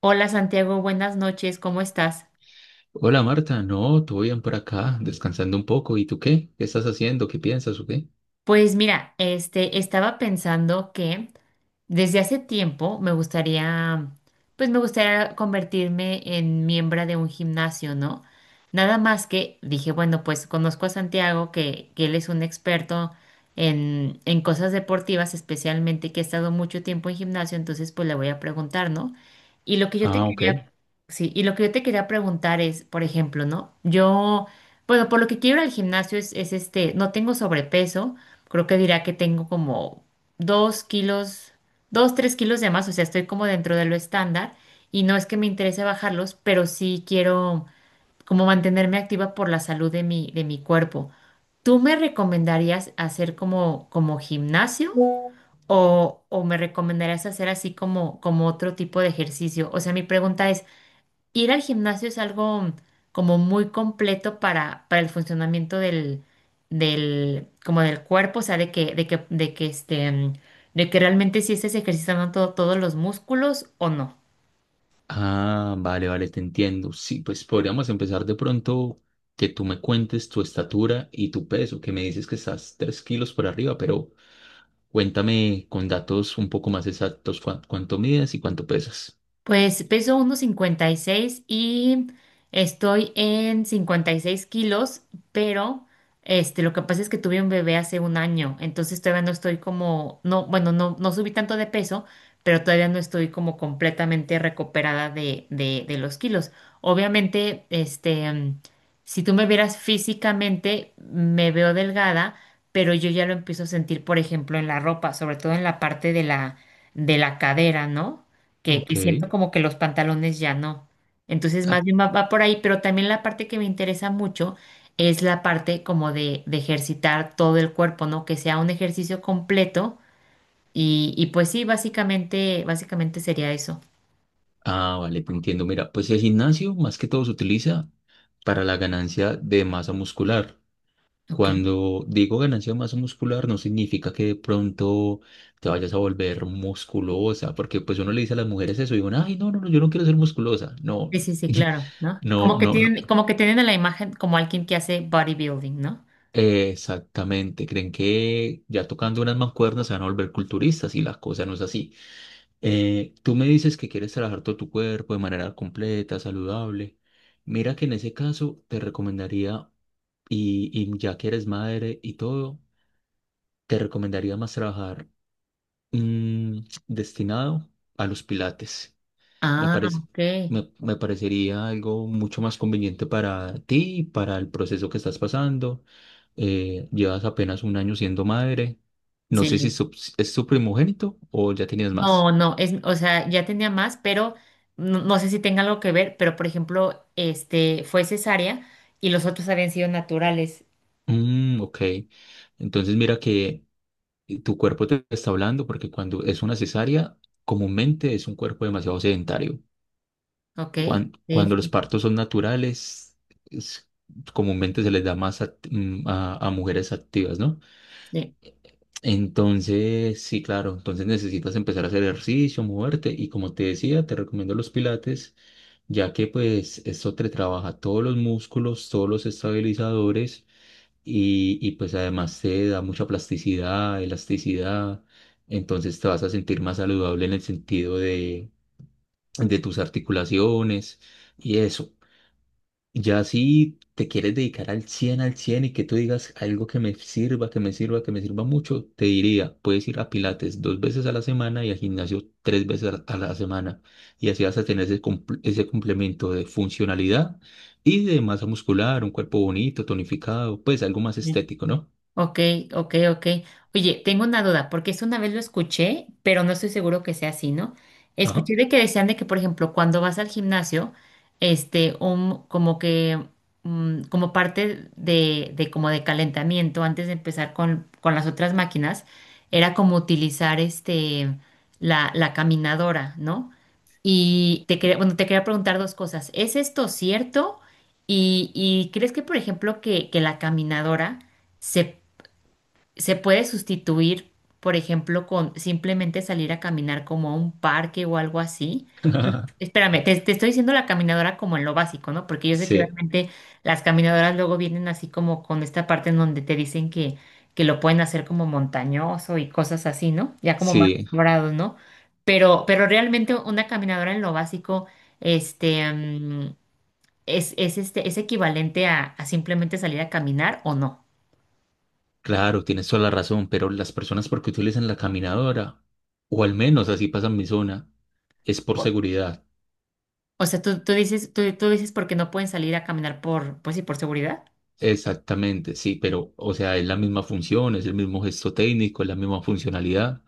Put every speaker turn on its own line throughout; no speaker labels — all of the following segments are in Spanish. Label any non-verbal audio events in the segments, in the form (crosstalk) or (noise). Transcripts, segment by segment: Hola Santiago, buenas noches, ¿cómo estás?
Hola Marta, no, todo bien por acá, descansando un poco. ¿Y tú qué? ¿Qué estás haciendo? ¿Qué piensas o qué?
Pues mira, estaba pensando que desde hace tiempo me gustaría, pues me gustaría convertirme en miembro de un gimnasio, ¿no? Nada más que dije, bueno, pues conozco a Santiago, que él es un experto en cosas deportivas, especialmente que ha estado mucho tiempo en gimnasio, entonces pues le voy a preguntar, ¿no? Y lo que yo te
Ah, ok.
quería, sí, y lo que yo te quería preguntar es, por ejemplo, ¿no? Yo, bueno, por lo que quiero ir al gimnasio es, no tengo sobrepeso, creo que dirá que tengo como dos kilos, dos, tres kilos de más, o sea, estoy como dentro de lo estándar y no es que me interese bajarlos, pero sí quiero como mantenerme activa por la salud de de mi cuerpo. ¿Tú me recomendarías hacer como gimnasio o me recomendarías hacer así como otro tipo de ejercicio? O sea, mi pregunta es, ir al gimnasio es algo como muy completo para el funcionamiento como del cuerpo, o sea, de que realmente si estés ejercitando todos los músculos o no.
Ah, vale, vale, te entiendo. Sí, pues podríamos empezar de pronto que tú me cuentes tu estatura y tu peso, que me dices que estás 3 kilos por arriba, pero cuéntame con datos un poco más exactos cuánto mides y cuánto pesas.
Pues peso 1,56 y estoy en 56 kilos, pero este, lo que pasa es que tuve un bebé hace un año, entonces todavía no estoy como, no, bueno, no subí tanto de peso, pero todavía no estoy como completamente recuperada de los kilos. Obviamente, si tú me vieras físicamente, me veo delgada, pero yo ya lo empiezo a sentir, por ejemplo, en la ropa, sobre todo en la parte de de la cadera, ¿no? Que
Ok.
siento como que los pantalones ya no. Entonces,
Ah,
más bien va por ahí, pero también la parte que me interesa mucho es la parte como de ejercitar todo el cuerpo, ¿no? Que sea un ejercicio completo y pues sí, básicamente, básicamente sería eso,
ah, vale, te entiendo. Mira, pues el gimnasio más que todo se utiliza para la ganancia de masa muscular.
¿ok?
Cuando digo ganancia de masa muscular, no significa que de pronto te vayas a volver musculosa, porque pues uno le dice a las mujeres eso y digo, ay, no, no, no, yo no quiero ser musculosa. No,
Sí, sí, sí, claro,
(laughs)
¿no?
no, no, no.
Como que tienen a la imagen como alguien que hace bodybuilding, ¿no?
Exactamente. Creen que ya tocando unas mancuernas se van a volver culturistas y la cosa no es así. Tú me dices que quieres trabajar todo tu cuerpo de manera completa, saludable. Mira que en ese caso te recomendaría, y ya que eres madre y todo, te recomendaría más trabajar Mm, destinado a los pilates. Me
Ah,
parece,
ok,
me parecería algo mucho más conveniente para ti, y para el proceso que estás pasando. Llevas apenas un año siendo madre. No sé si
sí.
es tu primogénito o ya tenías más.
No, no, es, o sea, ya tenía más, pero no, no sé si tenga algo que ver, pero por ejemplo, este fue cesárea y los otros habían sido naturales,
Mm, ok. Entonces mira que tu cuerpo te está hablando porque cuando es una cesárea, comúnmente es un cuerpo demasiado sedentario.
¿ok? Sí,
Cuando, los
sí,
partos son naturales, es- comúnmente se les da más a mujeres activas, ¿no?
sí.
Entonces, sí, claro, entonces necesitas empezar a hacer ejercicio, moverte y como te decía, te recomiendo los pilates, ya que pues esto te trabaja todos los músculos, todos los estabilizadores y pues además te da mucha plasticidad, elasticidad, entonces te vas a sentir más saludable en el sentido de, tus articulaciones y eso. Ya si te quieres dedicar al 100 y que tú digas algo que me sirva, que me sirva, que me sirva mucho, te diría, puedes ir a Pilates dos veces a la semana y al gimnasio tres veces a la semana. Y así vas a tener ese complemento de funcionalidad y de masa muscular, un cuerpo bonito, tonificado, pues algo más
Sí.
estético, ¿no?
Ok, ok, ok. Oye, tengo una duda, porque eso una vez lo escuché, pero no estoy seguro que sea así, ¿no?
Ajá.
Escuché de que decían de que, por ejemplo, cuando vas al gimnasio, este, un, como que, mm, como parte de como de calentamiento, antes de empezar con las otras máquinas, era como utilizar la caminadora, ¿no? Y te quería, bueno, te quería preguntar dos cosas. ¿Es esto cierto? Y ¿crees que, por ejemplo, que la caminadora se se puede sustituir, por ejemplo, con simplemente salir a caminar como a un parque o algo así.
(laughs)
Espérame, te estoy diciendo la caminadora como en lo básico, ¿no? Porque yo sé que
Sí,
realmente las caminadoras luego vienen así como con esta parte en donde te dicen que lo pueden hacer como montañoso y cosas así, ¿no? Ya como más
sí,
elaborado, ¿no? Pero realmente una caminadora en lo básico, este, mm, es equivalente a simplemente salir a caminar o no.
claro, tienes toda la razón, pero las personas porque utilizan la caminadora, o al menos así pasa en mi zona, es por seguridad.
O sea, tú dices porque no pueden salir a caminar por, pues sí, por seguridad.
Exactamente, sí, pero o sea, es la misma función, es el mismo gesto técnico, es la misma funcionalidad.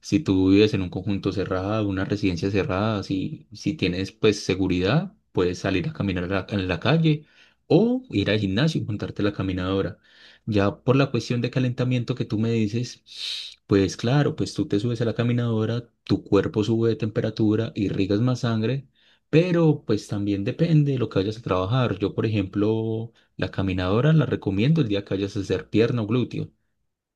Si tú vives en un conjunto cerrado, una residencia cerrada, si, si tienes pues seguridad, puedes salir a caminar en la calle o ir al gimnasio y montarte la caminadora. Ya por la cuestión de calentamiento que tú me dices, pues claro, pues tú te subes a la caminadora, tu cuerpo sube de temperatura, irrigas más sangre, pero pues también depende de lo que vayas a trabajar. Yo, por ejemplo, la caminadora la recomiendo el día que vayas a hacer pierna o glúteo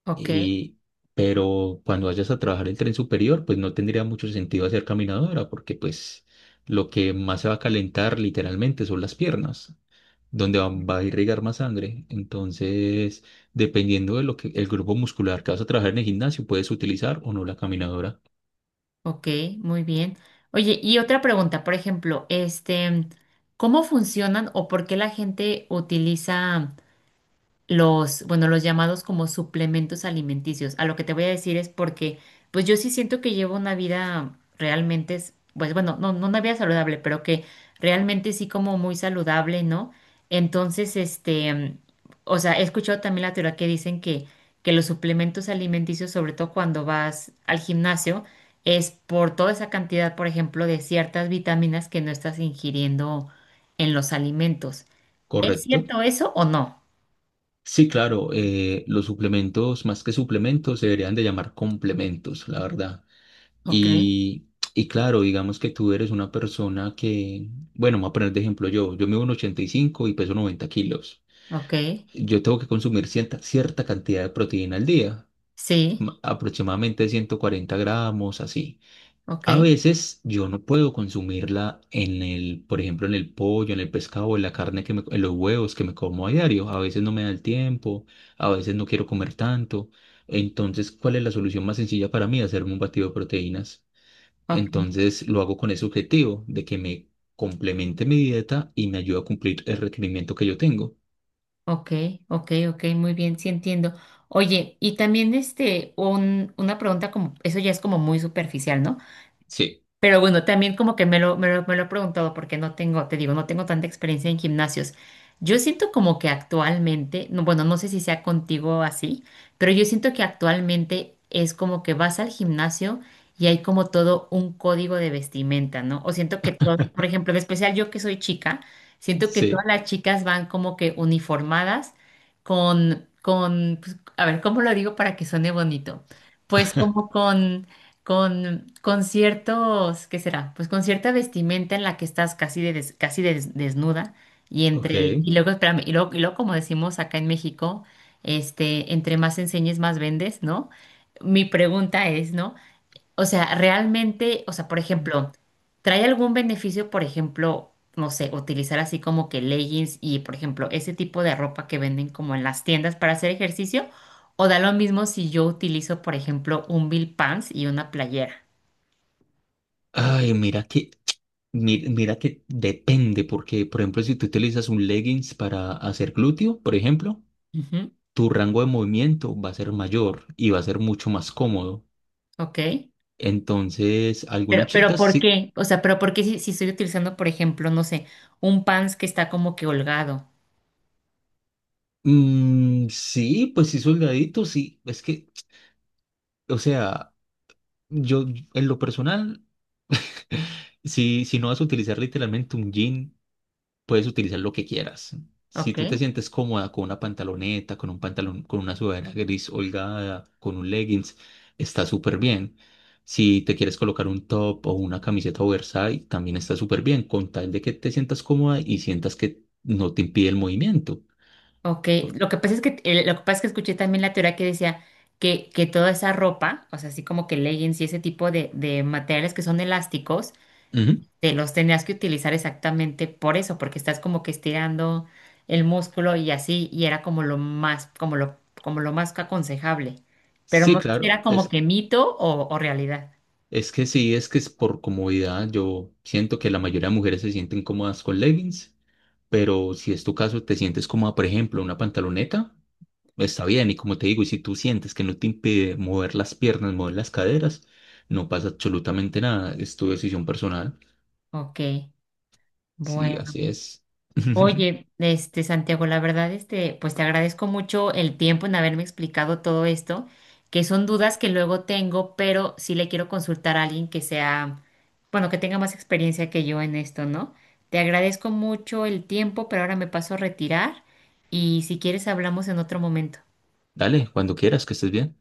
Ok,
y, pero cuando vayas a trabajar el tren superior, pues no tendría mucho sentido hacer caminadora, porque pues lo que más se va a calentar literalmente son las piernas, donde va a irrigar más sangre. Entonces, dependiendo de lo que el grupo muscular que vas a trabajar en el gimnasio, puedes utilizar o no la caminadora,
ok, muy bien. Oye, y otra pregunta, por ejemplo, este, ¿cómo funcionan o por qué la gente utiliza? Los, bueno, los llamados como suplementos alimenticios. A lo que te voy a decir es porque, pues yo sí siento que llevo una vida realmente, pues bueno, no una vida saludable, pero que realmente sí como muy saludable, ¿no? Entonces, este, mm, o sea, he escuchado también la teoría que dicen que los suplementos alimenticios, sobre todo cuando vas al gimnasio, es por toda esa cantidad, por ejemplo, de ciertas vitaminas que no estás ingiriendo en los alimentos. ¿Es
¿correcto?
cierto eso o no?
Sí, claro, los suplementos, más que suplementos, se deberían de llamar complementos, la verdad.
Ok.
Y, y claro, digamos que tú eres una persona que, bueno, me voy a poner de ejemplo yo, yo mido 1,85 y peso 90 kilos.
Ok,
Yo tengo que consumir cierta cantidad de proteína al día,
sí,
aproximadamente 140 gramos, así.
ok,
A veces yo no puedo consumirla en por ejemplo, en el pollo, en el pescado, en la carne que me, en los huevos que me como a diario. A veces no me da el tiempo, a veces no quiero comer tanto. Entonces, ¿cuál es la solución más sencilla para mí? Hacerme un batido de proteínas.
ok,
Entonces lo hago con ese objetivo de que me complemente mi dieta y me ayude a cumplir el requerimiento que yo tengo.
ok, ok, ok, muy bien, sí entiendo. Oye, una pregunta como, eso ya es como muy superficial, ¿no?
Sí,
Pero bueno, también como que me lo he preguntado porque no tengo, te digo, no tengo tanta experiencia en gimnasios. Yo siento como que actualmente, no, bueno, no sé si sea contigo así, pero yo siento que actualmente es como que vas al gimnasio y hay como todo un código de vestimenta, ¿no? O siento que todo, por ejemplo, en especial yo que soy chica, siento que todas
sí,
las chicas van como que uniformadas pues, a ver, ¿cómo lo digo para que suene bonito? Pues como
(laughs)
con ciertos, ¿qué será? Pues con cierta vestimenta en la que estás casi, casi desnuda y
ok.
entre, y luego, espérame, y luego como decimos acá en México, este, entre más enseñes, más vendes, ¿no? Mi pregunta es, ¿no? O sea, realmente, o sea, por ejemplo, ¿trae algún beneficio, por ejemplo, no sé, utilizar así como que leggings y, por ejemplo, ese tipo de ropa que venden como en las tiendas para hacer ejercicio? ¿O da lo mismo si yo utilizo, por ejemplo, un bill pants y una playera?
Ay, mira que depende, porque por ejemplo, si tú utilizas un leggings para hacer glúteo, por ejemplo,
Ujú.
tu rango de movimiento va a ser mayor y va a ser mucho más cómodo.
Ok.
Entonces, algunas
Pero
chicas
¿por
sí,
qué? O sea, pero ¿por qué si, si estoy utilizando, por ejemplo, no sé, un pants que está como que holgado?
mm, sí, pues sí, soldadito, sí, es que, o sea, yo en lo personal. Si no vas a utilizar literalmente un jean, puedes utilizar lo que quieras. Si
Ok.
tú te sientes cómoda con una pantaloneta, con un pantalón, con una sudadera gris holgada, con un leggings, está súper bien. Si te quieres colocar un top o una camiseta oversize, también está súper bien, con tal de que te sientas cómoda y sientas que no te impide el movimiento.
Ok,
Por-
lo que pasa es que lo que pasa es que escuché también la teoría que decía que toda esa ropa, o sea, así como que leggings y ese tipo de materiales que son elásticos,
Ujú.
te los tenías que utilizar exactamente por eso, porque estás como que estirando el músculo y así, y era como lo más aconsejable. Pero
Sí,
no sé si
claro,
era como
es
que mito o realidad.
Es que sí, es que es por comodidad. Yo siento que la mayoría de mujeres se sienten cómodas con leggings, pero si es tu caso, te sientes cómoda, por ejemplo, una pantaloneta, está bien. Y como te digo, y si tú sientes que no te impide mover las piernas, mover las caderas, no pasa absolutamente nada. Es tu decisión personal.
Ok,
Sí,
bueno.
así es. (laughs)
Oye, este Santiago, la verdad, este, pues te agradezco mucho el tiempo en haberme explicado todo esto, que son dudas que luego tengo, pero sí le quiero consultar a alguien que sea, bueno, que tenga más experiencia que yo en esto, ¿no? Te agradezco mucho el tiempo, pero ahora me paso a retirar y si quieres hablamos en otro momento.
Dale, cuando quieras, que estés bien.